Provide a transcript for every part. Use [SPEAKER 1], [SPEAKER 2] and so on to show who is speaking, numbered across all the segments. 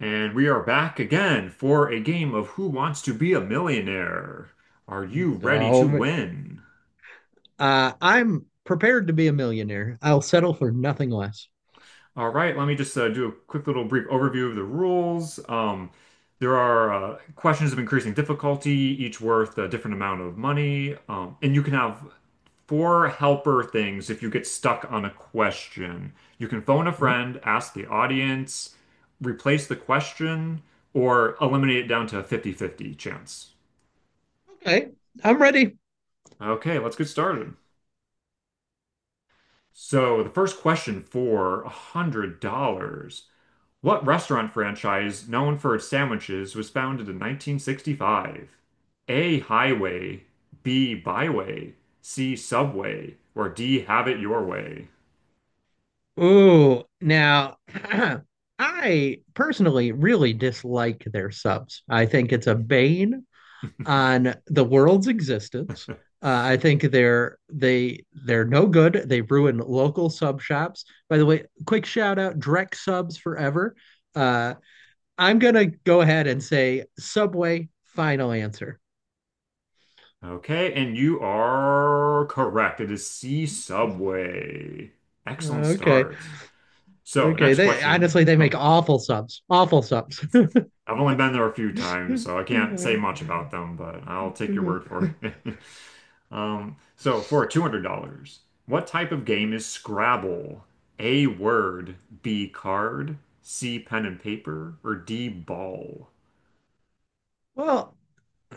[SPEAKER 1] And we are back again for a game of Who Wants to Be a Millionaire? Are you ready to
[SPEAKER 2] Oh,
[SPEAKER 1] win?
[SPEAKER 2] I'm prepared to be a millionaire. I'll settle for nothing less.
[SPEAKER 1] All right, let me just do a quick little brief overview of the rules. There are questions of increasing difficulty, each worth a different amount of money. And you can have four helper things if you get stuck on a question. You can phone a
[SPEAKER 2] Oh,
[SPEAKER 1] friend, ask the audience, replace the question, or eliminate it down to a 50-50 chance.
[SPEAKER 2] okay, I'm ready.
[SPEAKER 1] Okay, let's get started. So the first question for $100. What restaurant franchise known for its sandwiches was founded in 1965? A. Highway, B. Byway, C. Subway, or D. Have It Your Way?
[SPEAKER 2] Ooh, now I personally really dislike their subs. I think it's a bane on the world's existence. I think they're no good. They ruin local sub shops. By the way, quick shout out Drek subs forever. Uh, I'm gonna go ahead and say Subway, final answer.
[SPEAKER 1] Okay, and you are correct. It is C Subway. Excellent
[SPEAKER 2] Okay,
[SPEAKER 1] start. So,
[SPEAKER 2] okay.
[SPEAKER 1] next
[SPEAKER 2] They
[SPEAKER 1] question.
[SPEAKER 2] honestly they
[SPEAKER 1] Oh,
[SPEAKER 2] make awful subs. Awful subs.
[SPEAKER 1] I've only been there a few times, so I can't say much about them, but I'll take your word for it. So for $200, what type of game is Scrabble? A word, B card, C pen and paper, or D ball?
[SPEAKER 2] Well,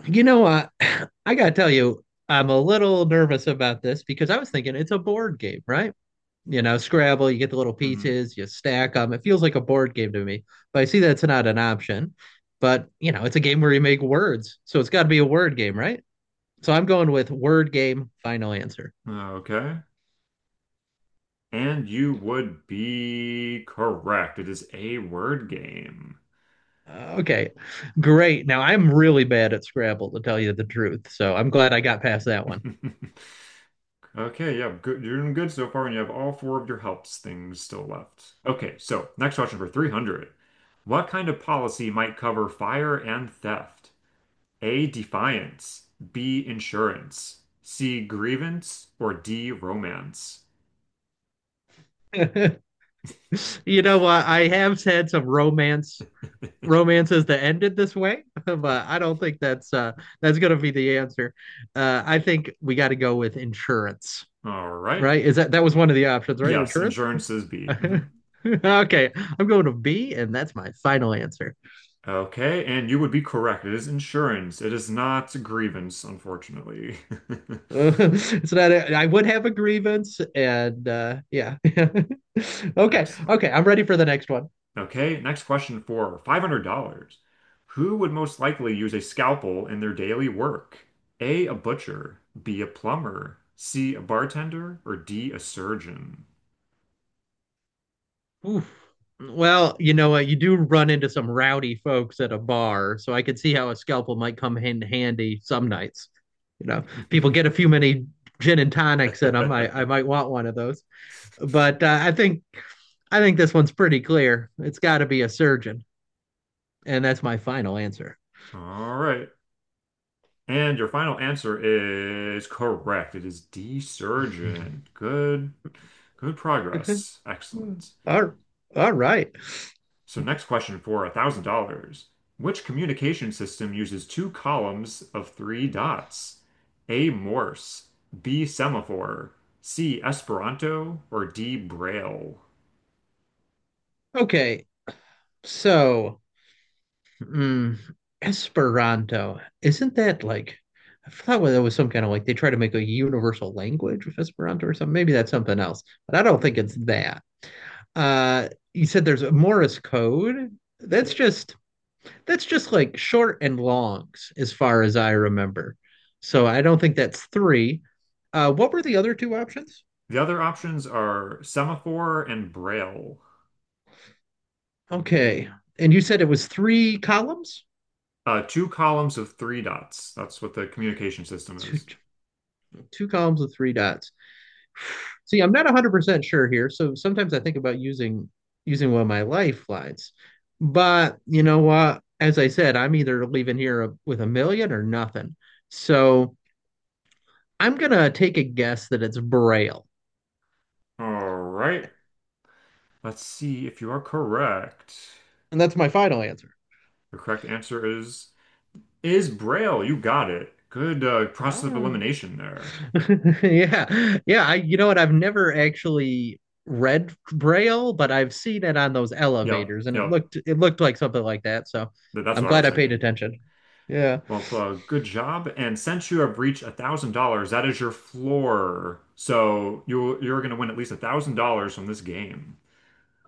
[SPEAKER 2] you know, I gotta tell you, I'm a little nervous about this because I was thinking it's a board game, right? You know, Scrabble, you get the little
[SPEAKER 1] Hmm.
[SPEAKER 2] pieces, you stack them. It feels like a board game to me, but I see that's not an option. But, you know, it's a game where you make words. So it's got to be a word game, right? So I'm going with word game, final answer.
[SPEAKER 1] Okay. And you would be correct. It is a word game.
[SPEAKER 2] Okay, great. Now I'm really bad at Scrabble, to tell you the truth. So I'm glad I got past that one.
[SPEAKER 1] Okay, yeah, good. You're doing good so far, and you have all four of your helps things still left. Okay, so next question for 300. What kind of policy might cover fire and theft? A. Defiance. B. Insurance. C. Grievance. Or D. Romance.
[SPEAKER 2] You know what? I have had some romances that ended this way, but I don't think that's gonna be the answer. I think we got to go with insurance,
[SPEAKER 1] All right.
[SPEAKER 2] right? Is that that was one of the options, right?
[SPEAKER 1] Yes,
[SPEAKER 2] Insurance?
[SPEAKER 1] insurance is B. Mhm.
[SPEAKER 2] Okay, I'm going to B, and that's my final answer.
[SPEAKER 1] Okay, and you would be correct. It is insurance. It is not grievance, unfortunately.
[SPEAKER 2] It's not, I would have a grievance, and yeah. Okay,
[SPEAKER 1] Excellent.
[SPEAKER 2] okay, I'm ready for the next one.
[SPEAKER 1] Okay, next question for $500. Who would most likely use a scalpel in their daily work? A. A butcher. B. A plumber. C. A bartender. Or D. A surgeon.
[SPEAKER 2] Oof. Well, you know what? You do run into some rowdy folks at a bar, so I could see how a scalpel might come in handy some nights. You know, people get a few many gin and tonics in them. I might want one of those, but I think this one's pretty clear. It's got to be a surgeon, and that's my final answer.
[SPEAKER 1] All right. And your final answer is correct. It is D, surgeon. Good, good progress. Excellent.
[SPEAKER 2] All, all right.
[SPEAKER 1] So next question for $1,000. Which communication system uses two columns of three dots? A, Morse, B, semaphore, C, Esperanto, or D, Braille?
[SPEAKER 2] Okay. So, mm, Esperanto, isn't that like, I thought that was some kind of like they try to make a universal language with Esperanto or something. Maybe that's something else, but I don't think it's
[SPEAKER 1] Mhm.
[SPEAKER 2] that. You said there's a Morse code.
[SPEAKER 1] The
[SPEAKER 2] That's just like short and longs as far as I remember. So I don't think that's three. What were the other two options?
[SPEAKER 1] the other options are semaphore and Braille.
[SPEAKER 2] Okay. And you said it was three columns?
[SPEAKER 1] Two columns of three dots. That's what the communication system
[SPEAKER 2] Two,
[SPEAKER 1] is.
[SPEAKER 2] two columns with three dots. See, I'm not 100% sure here. So sometimes I think about using one of my lifelines. But you know what? As I said, I'm either leaving here with a million or nothing. So I'm going to take a guess that it's Braille.
[SPEAKER 1] All right. Let's see if you are correct.
[SPEAKER 2] And that's my final answer.
[SPEAKER 1] The correct answer is Braille. You got it. Good process of
[SPEAKER 2] Ah.
[SPEAKER 1] elimination there.
[SPEAKER 2] Yeah. Yeah. I, you know what? I've never actually read Braille, but I've seen it on those
[SPEAKER 1] Yep,
[SPEAKER 2] elevators and it
[SPEAKER 1] yep.
[SPEAKER 2] looked like something like that. So
[SPEAKER 1] That's
[SPEAKER 2] I'm
[SPEAKER 1] what I
[SPEAKER 2] glad
[SPEAKER 1] was
[SPEAKER 2] I paid
[SPEAKER 1] thinking.
[SPEAKER 2] attention. Yeah.
[SPEAKER 1] Well, good job. And since you have reached $1,000, that is your floor. So you're gonna win at least $1,000 from this game.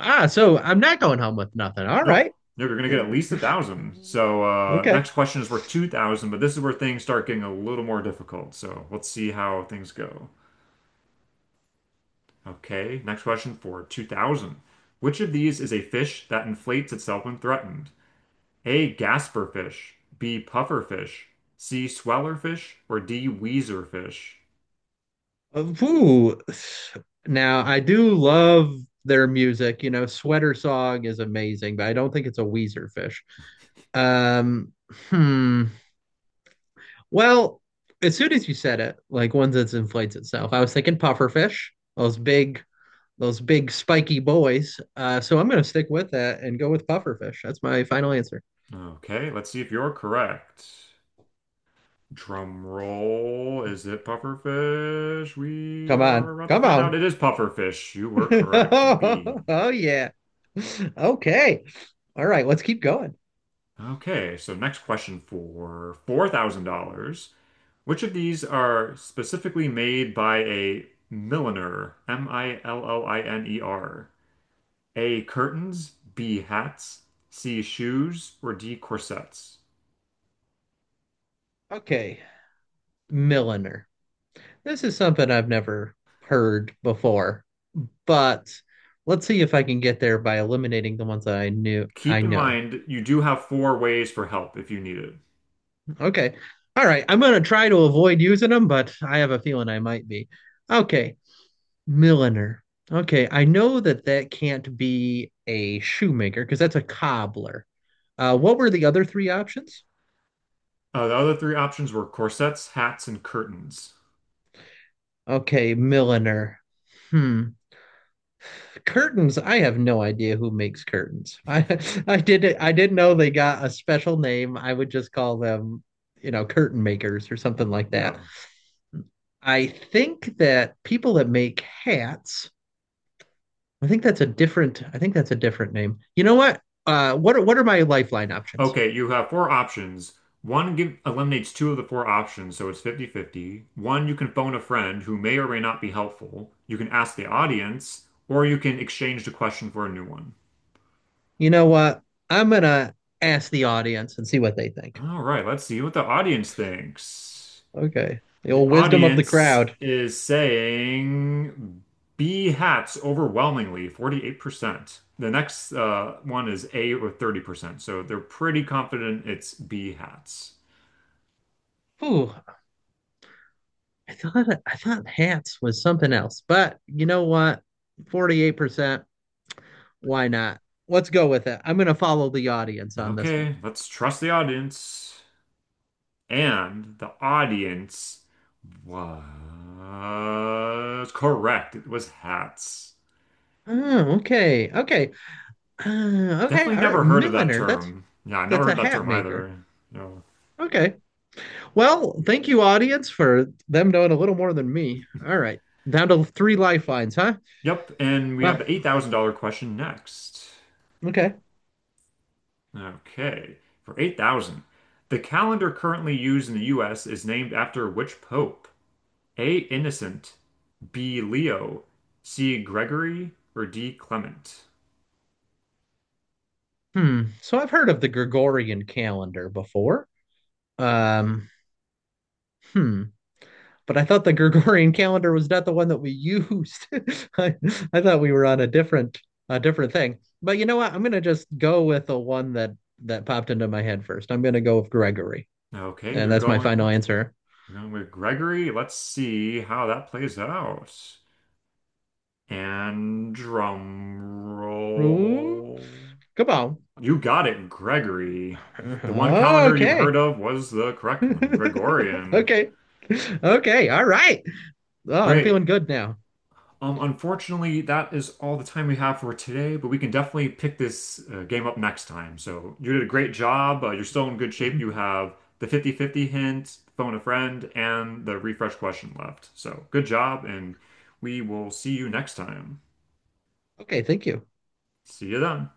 [SPEAKER 2] Ah, so I'm not going home with nothing. All right.
[SPEAKER 1] Nope. No, you're gonna get at least a thousand. So
[SPEAKER 2] Okay.
[SPEAKER 1] next question is worth 2,000, but this is where things start getting a little more difficult. So let's see how things go. Okay, next question for 2000. Which of these is a fish that inflates itself when threatened? A. Gasper fish, B. Puffer fish, C. Sweller fish, or D. Weezer fish?
[SPEAKER 2] Uh, now, I do love their music. You know, Sweater Song is amazing, but I don't think it's a Weezer fish. Um, hmm. Well, as soon as you said it, like one that inflates itself, I was thinking pufferfish, those big, those big spiky boys. So I'm gonna stick with that and go with pufferfish. That's my final answer.
[SPEAKER 1] Okay, let's see if you're correct. Drum roll. Is it pufferfish? We
[SPEAKER 2] Come
[SPEAKER 1] are
[SPEAKER 2] on,
[SPEAKER 1] about to
[SPEAKER 2] come
[SPEAKER 1] find out.
[SPEAKER 2] on.
[SPEAKER 1] It is pufferfish. You were correct. B.
[SPEAKER 2] Oh oh, yeah. Okay. All right, let's keep going.
[SPEAKER 1] Okay, so next question for $4,000. Which of these are specifically made by a milliner? M-I-L-L-I-N-E-R. A. Curtains, B. Hats, C. Shoes, or D. Corsets.
[SPEAKER 2] Okay. Milliner. This is something I've never heard before, but let's see if I can get there by eliminating the ones that
[SPEAKER 1] Keep
[SPEAKER 2] I
[SPEAKER 1] in
[SPEAKER 2] know.
[SPEAKER 1] mind, you do have four ways for help if you need it.
[SPEAKER 2] Okay. All right. I'm gonna try to avoid using them, but I have a feeling I might be. Okay. Milliner. Okay. I know that that can't be a shoemaker because that's a cobbler. What were the other three options?
[SPEAKER 1] The other three options were corsets, hats, and curtains.
[SPEAKER 2] Okay, milliner. Hmm. Curtains. I have no idea who makes curtains. I I didn't know they got a special name. I would just call them, you know, curtain makers or something like that.
[SPEAKER 1] Yeah.
[SPEAKER 2] I think that people that make hats, I think that's a different I think that's a different name. You know what? What are my lifeline options?
[SPEAKER 1] Okay, you have four options. One give, eliminates two of the four options, so it's 50-50. One, you can phone a friend who may or may not be helpful. You can ask the audience, or you can exchange the question for a new one.
[SPEAKER 2] You know what? I'm gonna ask the audience and see what they think.
[SPEAKER 1] All right, let's see what the audience thinks.
[SPEAKER 2] Okay. The
[SPEAKER 1] The
[SPEAKER 2] old wisdom of the
[SPEAKER 1] audience
[SPEAKER 2] crowd.
[SPEAKER 1] is saying B hats overwhelmingly, 48%. The next one is A with 30%, so they're pretty confident it's B hats.
[SPEAKER 2] Ooh, I thought hats was something else, but you know what? 48%. Why not? Let's go with it. I'm gonna follow the audience on this one.
[SPEAKER 1] Okay, let's trust the audience. And the audience was correct. It was hats.
[SPEAKER 2] Oh, okay, okay, okay.
[SPEAKER 1] Definitely
[SPEAKER 2] All right,
[SPEAKER 1] never heard of that
[SPEAKER 2] milliner.
[SPEAKER 1] term. Yeah, I never
[SPEAKER 2] That's a
[SPEAKER 1] heard that
[SPEAKER 2] hat
[SPEAKER 1] term
[SPEAKER 2] maker.
[SPEAKER 1] either. No.
[SPEAKER 2] Okay. Well, thank you, audience, for them knowing a little more than me. All right, down to three lifelines, huh?
[SPEAKER 1] Yep, and we have
[SPEAKER 2] Well,
[SPEAKER 1] the $8,000 question next.
[SPEAKER 2] okay.
[SPEAKER 1] Okay, for 8,000. The calendar currently used in the US is named after which pope? A. Innocent, B. Leo, C. Gregory, or D. Clement?
[SPEAKER 2] Hmm. So I've heard of the Gregorian calendar before. Um. Hmm. But I thought the Gregorian calendar was not the one that we used. I, I thought we were on a different thing. But you know what? I'm gonna just go with the one that popped into my head first. I'm gonna go with Gregory,
[SPEAKER 1] Okay,
[SPEAKER 2] and
[SPEAKER 1] you're
[SPEAKER 2] that's my
[SPEAKER 1] going
[SPEAKER 2] final
[SPEAKER 1] with...
[SPEAKER 2] answer.
[SPEAKER 1] We're going with Gregory. Let's see how that plays out. And drum
[SPEAKER 2] Ooh,
[SPEAKER 1] roll.
[SPEAKER 2] come on.
[SPEAKER 1] You got it, Gregory. The one calendar you've heard
[SPEAKER 2] Okay.
[SPEAKER 1] of was the correct one, Gregorian.
[SPEAKER 2] Okay. Okay. All right. Oh, I'm
[SPEAKER 1] Great.
[SPEAKER 2] feeling good now.
[SPEAKER 1] Unfortunately, that is all the time we have for today, but we can definitely pick this game up next time. So you did a great job. You're still in good shape. You have the 50-50 hint, phone a friend, and the refresh question left. So good job, and we will see you next time.
[SPEAKER 2] Okay. Thank you.
[SPEAKER 1] See you then.